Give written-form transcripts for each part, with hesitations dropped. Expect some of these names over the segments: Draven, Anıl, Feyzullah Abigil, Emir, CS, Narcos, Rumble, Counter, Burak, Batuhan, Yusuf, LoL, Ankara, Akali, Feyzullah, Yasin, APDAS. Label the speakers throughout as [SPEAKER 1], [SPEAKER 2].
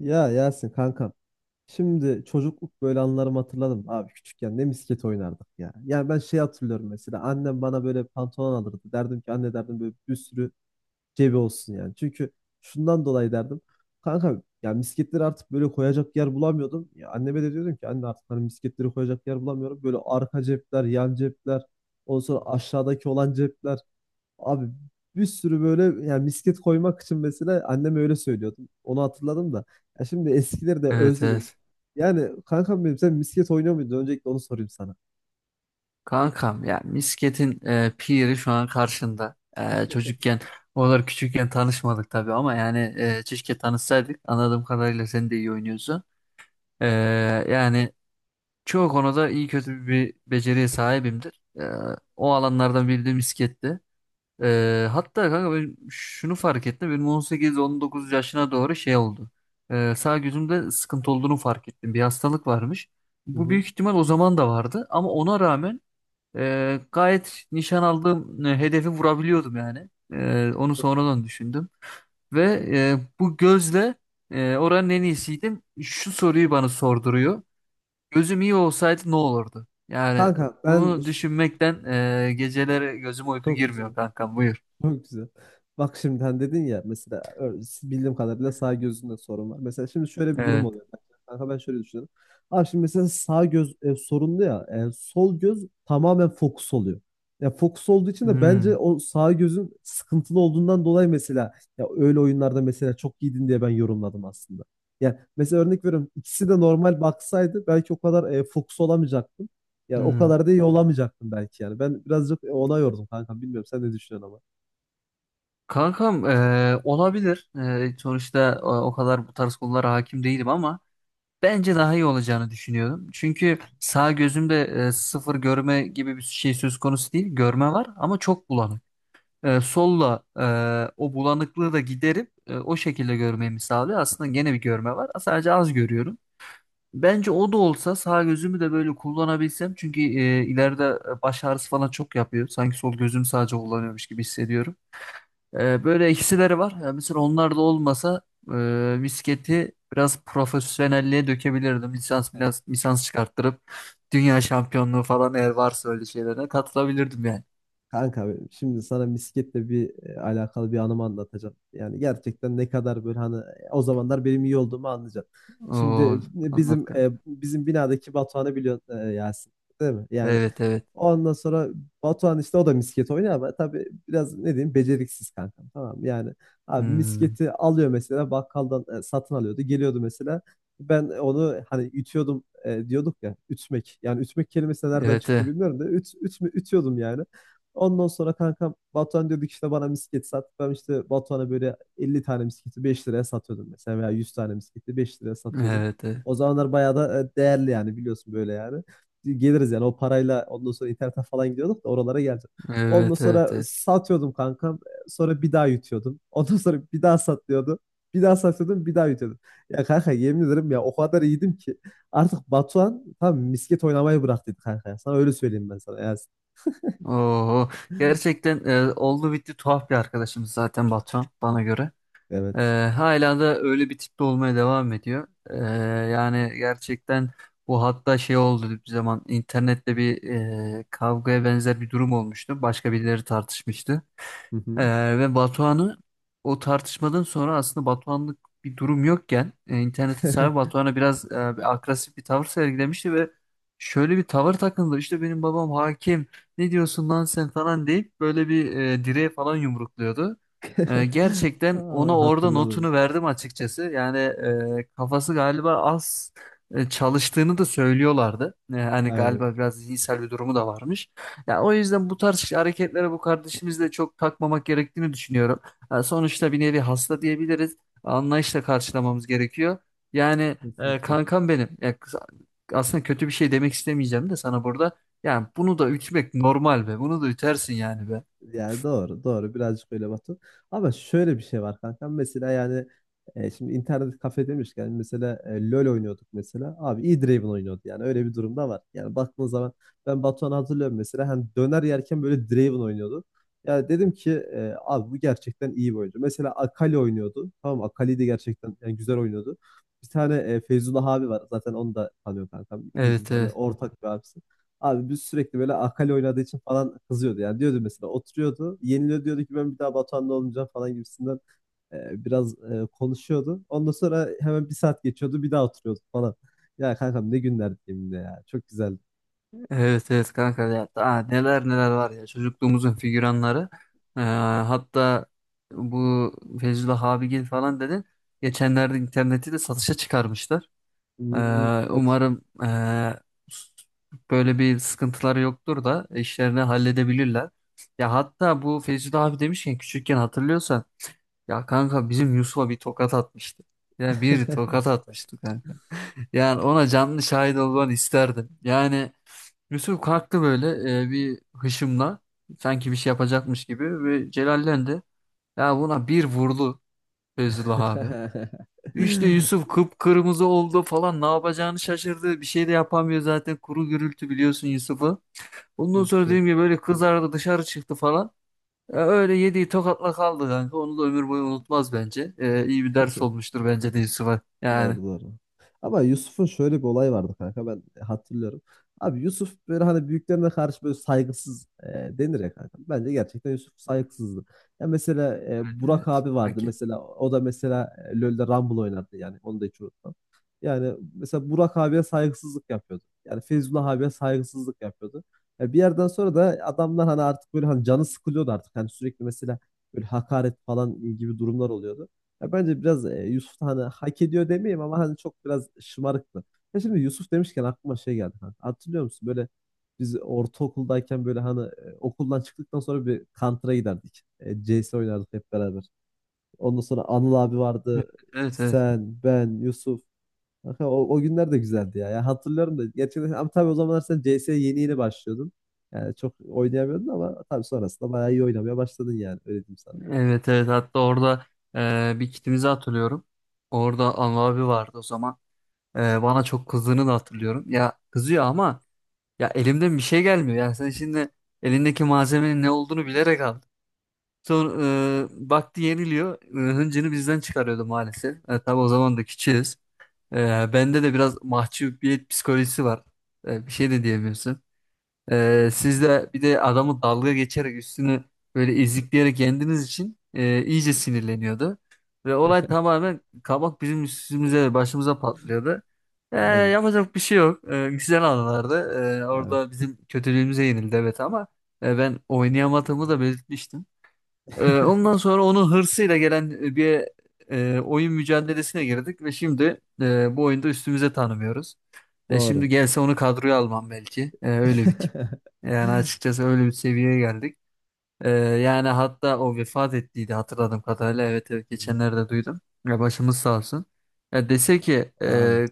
[SPEAKER 1] Ya Yasin kankam. Şimdi çocukluk böyle anılarımı hatırladım. Abi küçükken ne misket oynardık ya. Yani ben şey hatırlıyorum mesela. Annem bana böyle pantolon alırdı. Derdim ki anne derdim böyle bir sürü cebi olsun yani. Çünkü şundan dolayı derdim. Kanka ya misketleri artık böyle koyacak yer bulamıyordum. Ya anneme de diyordum ki anne artık hani misketleri koyacak yer bulamıyorum. Böyle arka cepler, yan cepler, ondan sonra aşağıdaki olan cepler. Abi bir sürü böyle yani misket koymak için mesela annem öyle söylüyordu. Onu hatırladım da. Ya şimdi eskileri de
[SPEAKER 2] Evet,
[SPEAKER 1] özledim.
[SPEAKER 2] evet.
[SPEAKER 1] Yani kankam benim sen misket oynuyor muydun? Öncelikle onu sorayım sana.
[SPEAKER 2] Kankam ya misketin piri şu an karşında. Çocukken oralar küçükken tanışmadık tabii ama keşke tanışsaydık. Anladığım kadarıyla sen de iyi oynuyorsun. E, yani çoğu konuda iyi kötü bir beceriye sahibimdir. O alanlardan biri de misketti. Hatta kanka ben şunu fark ettim. Benim 18-19 yaşına doğru şey oldu. Sağ gözümde sıkıntı olduğunu fark ettim. Bir hastalık varmış.
[SPEAKER 1] Hı
[SPEAKER 2] Bu
[SPEAKER 1] hı.
[SPEAKER 2] büyük ihtimal o zaman da vardı ama ona rağmen gayet nişan aldığım hedefi vurabiliyordum yani. Onu sonradan düşündüm. Ve Bu gözle oranın en iyisiydim. Şu soruyu bana sorduruyor. Gözüm iyi olsaydı ne olurdu? Yani
[SPEAKER 1] Kanka ben
[SPEAKER 2] bunu
[SPEAKER 1] ş-
[SPEAKER 2] düşünmekten geceleri gözüm uyku
[SPEAKER 1] Çok güzel.
[SPEAKER 2] girmiyor kankam, buyur.
[SPEAKER 1] Çok güzel. Bak şimdiden dedin ya mesela bildiğim kadarıyla sağ gözünde sorun var. Mesela şimdi şöyle bir durum
[SPEAKER 2] Evet.
[SPEAKER 1] oluyor. Bak, kanka ben şöyle düşünüyorum. Abi şimdi mesela sağ göz sorunlu ya. Sol göz tamamen fokus oluyor. Ya fokus olduğu için de bence
[SPEAKER 2] Hmm,
[SPEAKER 1] o sağ gözün sıkıntılı olduğundan dolayı mesela ya öyle oyunlarda mesela çok giydin diye ben yorumladım aslında. Yani mesela örnek veriyorum ikisi de normal baksaydı belki o kadar fokus olamayacaktım. Yani o
[SPEAKER 2] hmm.
[SPEAKER 1] kadar da iyi olamayacaktım belki yani. Ben birazcık ona yordum kanka. Bilmiyorum sen ne düşünüyorsun ama.
[SPEAKER 2] Kankam, olabilir. Sonuçta o kadar bu tarz konulara hakim değilim ama bence daha iyi olacağını düşünüyorum. Çünkü sağ gözümde sıfır görme gibi bir şey söz konusu değil. Görme var ama çok bulanık. E, solla e, O bulanıklığı da giderip o şekilde görmemi sağlıyor. Aslında gene bir görme var. Sadece az görüyorum. Bence o da olsa sağ gözümü de böyle kullanabilsem çünkü ileride baş ağrısı falan çok yapıyor. Sanki sol gözümü sadece kullanıyormuş gibi hissediyorum. Böyle eksileri var. Yani mesela onlar da olmasa bisikleti biraz profesyonelliğe dökebilirdim. Lisans biraz lisans çıkarttırıp dünya şampiyonluğu falan eğer varsa öyle şeylere katılabilirdim yani.
[SPEAKER 1] Kanka benim, şimdi sana misketle bir alakalı bir anımı anlatacağım. Yani gerçekten ne kadar böyle hani o zamanlar benim iyi olduğumu anlayacaksın. Şimdi
[SPEAKER 2] Oo, anlat kanka.
[SPEAKER 1] bizim binadaki Batuhan'ı biliyorsun Yasin, değil mi? Yani
[SPEAKER 2] Evet, evet.
[SPEAKER 1] ondan sonra Batuhan işte o da misket oynuyor ama tabii biraz ne diyeyim beceriksiz kankam tamam mı? Yani abi
[SPEAKER 2] Hmm.
[SPEAKER 1] misketi alıyor mesela bakkaldan satın alıyordu geliyordu mesela ben onu hani ütüyordum diyorduk ya ütmek yani ütmek kelimesi nereden
[SPEAKER 2] Evet,
[SPEAKER 1] çıktı
[SPEAKER 2] evet.
[SPEAKER 1] bilmiyorum da ütüyordum yani. Ondan sonra kankam Batuhan diyorduk işte bana misket sat. Ben işte Batuhan'a böyle 50 tane misketi 5 liraya satıyordum mesela veya 100 tane misketi 5 liraya satıyordum.
[SPEAKER 2] Evet, evet.
[SPEAKER 1] O zamanlar bayağı da değerli yani biliyorsun böyle yani geliriz yani o parayla ondan sonra internete falan gidiyorduk da oralara geleceğim. Ondan
[SPEAKER 2] Evet, evet.
[SPEAKER 1] sonra
[SPEAKER 2] Evet.
[SPEAKER 1] satıyordum kankam. Sonra bir daha yutuyordum. Ondan sonra bir daha satıyordum. Bir daha satıyordum, bir daha yutuyordum. Ya kanka yemin ederim ya o kadar iyiydim ki artık Batuhan tam misket oynamayı bıraktıydı kanka, ya. Sana öyle söyleyeyim ben sana. Ya,
[SPEAKER 2] Oo, gerçekten oldu bitti tuhaf bir arkadaşımız zaten Batuhan bana göre.
[SPEAKER 1] evet.
[SPEAKER 2] Ee, Hala da öyle bir tipte olmaya devam ediyor. Yani gerçekten bu, hatta şey oldu, bir zaman internette bir kavgaya benzer bir durum olmuştu. Başka birileri tartışmıştı.
[SPEAKER 1] Hı hı.
[SPEAKER 2] Ve Batuhan'ı o tartışmadan sonra, aslında Batuhan'lık bir durum yokken, internetin sahibi Batuhan'a biraz bir agresif bir tavır sergilemişti ve şöyle bir tavır takındı. İşte benim babam hakim, ne diyorsun lan sen falan deyip böyle bir direğe falan yumrukluyordu. Gerçekten
[SPEAKER 1] Aa,
[SPEAKER 2] ona orada
[SPEAKER 1] hatırladım.
[SPEAKER 2] notunu verdim açıkçası. Yani kafası galiba az çalıştığını da söylüyorlardı. Hani
[SPEAKER 1] Aynen.
[SPEAKER 2] galiba biraz zihinsel bir durumu da varmış. Ya, o yüzden bu tarz hareketlere, bu kardeşimizle çok takmamak gerektiğini düşünüyorum. Ha, sonuçta bir nevi hasta diyebiliriz. Anlayışla karşılamamız gerekiyor. Yani
[SPEAKER 1] Kesinlikle.
[SPEAKER 2] kankam benim. Ya, aslında kötü bir şey demek istemeyeceğim de sana burada. Yani bunu da ütmek normal be. Bunu da ütersin yani be.
[SPEAKER 1] Yani doğru, doğru. Birazcık öyle Batu. Ama şöyle bir şey var kanka. Mesela yani şimdi internet kafe demişken mesela LoL oynuyorduk mesela. Abi E-Draven oynuyordu yani. Öyle bir durumda var. Yani baktığın zaman ben Batuhan'ı hatırlıyorum mesela. Hani döner yerken böyle Draven oynuyordu. Yani dedim ki abi bu gerçekten iyi bir oyuncu. Mesela Akali oynuyordu. Tamam mı? Akali de gerçekten yani güzel oynuyordu. Bir tane Feyzullah abi var. Zaten onu da tanıyor kankam. İkimizin
[SPEAKER 2] Evet,
[SPEAKER 1] hani
[SPEAKER 2] evet.
[SPEAKER 1] ortak bir abisi. Abi biz sürekli böyle Akali oynadığı için falan kızıyordu. Yani diyordu mesela oturuyordu. Yeniliyor diyordu ki ben bir daha Batuhan'la olmayacağım falan gibisinden biraz konuşuyordu. Ondan sonra hemen bir saat geçiyordu bir daha oturuyordu falan. Ya kankam ne günlerdi yeminle ya. Çok güzeldi.
[SPEAKER 2] Evet, evet kanka ya. Aa, neler neler var ya, çocukluğumuzun figüranları. Ee, Hatta bu Feyzullah Abigil falan dedin. Geçenlerde interneti de satışa çıkarmışlar. Ee,
[SPEAKER 1] Hmm, evet.
[SPEAKER 2] umarım böyle bir sıkıntıları yoktur da işlerini halledebilirler. Ya hatta bu Feyzi abi demişken, küçükken hatırlıyorsan, ya kanka bizim Yusuf'a bir tokat atmıştı. Ya bir tokat atmıştı kanka. Yani ona canlı şahit olmanı isterdim. Yani Yusuf kalktı böyle bir hışımla sanki bir şey yapacakmış gibi ve celallendi. Ya buna bir vurdu Feyzullah abi. İşte Yusuf kıpkırmızı oldu falan, ne yapacağını şaşırdı. Bir şey de yapamıyor zaten, kuru gürültü biliyorsun Yusuf'u. Ondan sonra
[SPEAKER 1] Şu-
[SPEAKER 2] dediğim gibi böyle kızardı, dışarı çıktı falan. Öyle yediği tokatla kaldı kanka. Onu da ömür boyu unutmaz bence. İyi bir ders olmuştur bence de Yusuf'a.
[SPEAKER 1] Doğru
[SPEAKER 2] Yani
[SPEAKER 1] doğru. Ama Yusuf'un şöyle bir olayı vardı kanka ben hatırlıyorum. Abi Yusuf böyle hani büyüklerine karşı böyle saygısız denir ya kanka. Bence gerçekten Yusuf saygısızdı. Ya mesela Burak
[SPEAKER 2] evet.
[SPEAKER 1] abi vardı
[SPEAKER 2] Okey.
[SPEAKER 1] mesela o da mesela LoL'de Rumble oynardı yani onu da hiç unutmam. Yani mesela Burak abiye saygısızlık yapıyordu. Yani Feyzullah abiye saygısızlık yapıyordu. Ya bir yerden sonra da adamlar hani artık böyle hani canı sıkılıyordu artık. Hani sürekli mesela böyle hakaret falan gibi durumlar oluyordu. Ya bence biraz Yusuf da hani hak ediyor demeyeyim ama hani çok biraz şımarıktı. Ya şimdi Yusuf demişken aklıma şey geldi. Hani hatırlıyor musun? Böyle biz ortaokuldayken böyle hani okuldan çıktıktan sonra bir Counter'a giderdik. CS oynardık hep beraber. Ondan sonra Anıl abi vardı.
[SPEAKER 2] Evet, evet.
[SPEAKER 1] Sen, ben, Yusuf. Kanka, o günler de güzeldi ya. Ya hatırlıyorum da gerçekten ama tabii o zamanlar sen CS'ye yeni yeni başlıyordun. Yani çok oynayamıyordun ama tabii sonrasında bayağı iyi oynamaya başladın yani öyle diyeyim sana.
[SPEAKER 2] Evet evet, hatta orada bir kitimizi hatırlıyorum. Orada Anıl abi vardı o zaman. Bana çok kızdığını da hatırlıyorum. Ya kızıyor ama ya elimden bir şey gelmiyor. Yani sen şimdi elindeki malzemenin ne olduğunu bilerek aldın. Sonra baktı yeniliyor. Hıncını bizden çıkarıyordu maalesef. Tabii o zaman da küçüğüz. E, Bende de biraz mahcubiyet psikolojisi var. Bir şey de diyemiyorsun. Siz de bir de adamı dalga geçerek üstünü böyle ezikleyerek yendiğiniz için iyice sinirleniyordu. Ve olay tamamen kabak bizim üstümüze ve başımıza patlıyordu.
[SPEAKER 1] Aynen.
[SPEAKER 2] Yapacak bir şey yok. Güzel anılardı.
[SPEAKER 1] Evet.
[SPEAKER 2] Orada bizim kötülüğümüze yenildi, evet, ama ben oynayamadığımı da belirtmiştim. Ondan sonra onun hırsıyla gelen bir oyun mücadelesine girdik ve şimdi bu oyunda üstümüze tanımıyoruz. Şimdi
[SPEAKER 1] Doğru.
[SPEAKER 2] gelse onu kadroya almam belki. Öyle bir tip. Yani açıkçası öyle bir seviyeye geldik. Yani hatta o vefat ettiydi hatırladığım kadarıyla. Evet evet,
[SPEAKER 1] Hmm.
[SPEAKER 2] geçenlerde duydum. Ya başımız sağ olsun. Ya dese ki
[SPEAKER 1] Abi.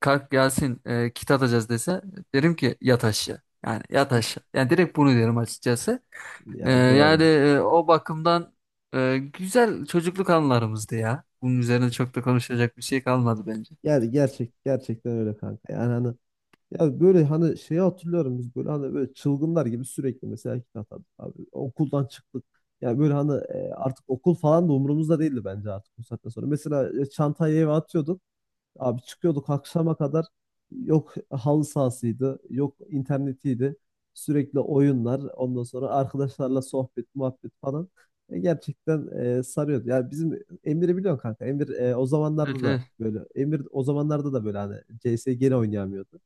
[SPEAKER 2] kalk Yasin, kit atacağız dese, derim ki yat aşağı. Yani yat aşağı. Yani direkt bunu derim açıkçası.
[SPEAKER 1] Ya doğru.
[SPEAKER 2] O bakımdan güzel çocukluk anılarımızdı ya. Bunun üzerine çok da konuşacak bir şey kalmadı bence.
[SPEAKER 1] Yani gerçekten öyle kanka. Yani hani ya böyle hani şeyi hatırlıyorum biz böyle hani böyle çılgınlar gibi sürekli mesela kitap atardık abi. Okuldan çıktık. Yani böyle hani artık okul falan da umurumuzda değildi bence artık bu saatten sonra. Mesela çantayı eve atıyorduk. Abi çıkıyorduk akşama kadar yok halı sahasıydı, yok internetiydi. Sürekli oyunlar, ondan sonra arkadaşlarla sohbet, muhabbet falan. Gerçekten sarıyordu. Ya bizim Emir'i biliyorsun kanka. Emir o zamanlarda
[SPEAKER 2] Evet,
[SPEAKER 1] da
[SPEAKER 2] evet.
[SPEAKER 1] böyle. Emir o zamanlarda da böyle hani CS gene oynayamıyordu.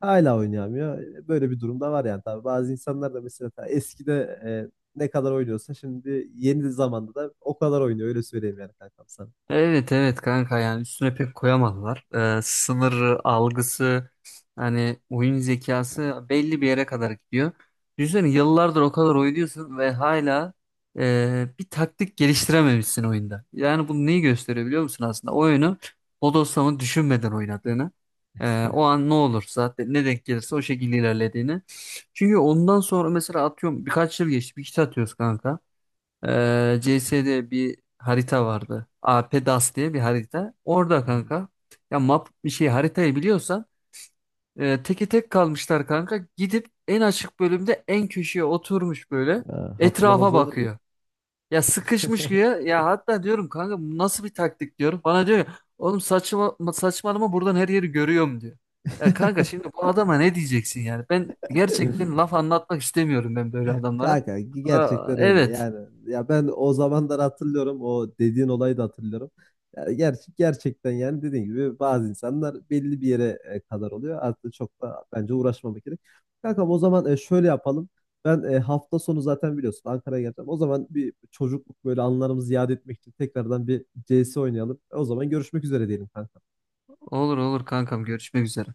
[SPEAKER 1] Hala oynayamıyor. Böyle bir durumda var yani tabii. Bazı insanlar da mesela ta eskide e, ne kadar oynuyorsa şimdi yeni zamanda da o kadar oynuyor öyle söyleyeyim yani kankam sana.
[SPEAKER 2] Evet evet kanka, yani üstüne pek koyamadılar. Sınır algısı, hani oyun zekası belli bir yere kadar gidiyor. Düşünsene, yıllardır o kadar oynuyorsun ve hala bir taktik geliştirememişsin oyunda. Yani bunu neyi gösteriyor biliyor musun aslında? O oyunu bodoslama düşünmeden oynadığını. O an ne olur zaten, ne denk gelirse o şekilde ilerlediğini. Çünkü ondan sonra mesela atıyorum birkaç yıl geçti, bir kitap atıyoruz kanka. CS'de bir harita vardı. APDAS diye bir harita. Orada
[SPEAKER 1] Hı hı.
[SPEAKER 2] kanka, ya map bir şey, haritayı biliyorsan teke tek kalmışlar kanka. Gidip en açık bölümde en köşeye oturmuş böyle
[SPEAKER 1] Ha, hatırlamaz
[SPEAKER 2] etrafa
[SPEAKER 1] olur mu?
[SPEAKER 2] bakıyor. Ya sıkışmış diyor. Ya hatta diyorum kanka, bu nasıl bir taktik diyorum. Bana diyor ya, oğlum saçma, saçmalama, buradan her yeri görüyorum diyor. Ya kanka şimdi bu adama ne diyeceksin yani? Ben gerçekten laf anlatmak istemiyorum ben böyle adamlara.
[SPEAKER 1] Kanka
[SPEAKER 2] Aa,
[SPEAKER 1] gerçekten öyle
[SPEAKER 2] evet.
[SPEAKER 1] yani ya ben o zamanlar hatırlıyorum o dediğin olayı da hatırlıyorum. Ya gerçekten yani dediğin gibi bazı insanlar belli bir yere kadar oluyor. Artık çok da bence uğraşmamak gerek. Kankam o zaman şöyle yapalım. Ben hafta sonu zaten biliyorsun Ankara'ya geleceğim. O zaman bir çocukluk böyle anılarımızı yad etmek için tekrardan bir CS oynayalım. O zaman görüşmek üzere diyelim kanka.
[SPEAKER 2] Olur olur kankam, görüşmek üzere.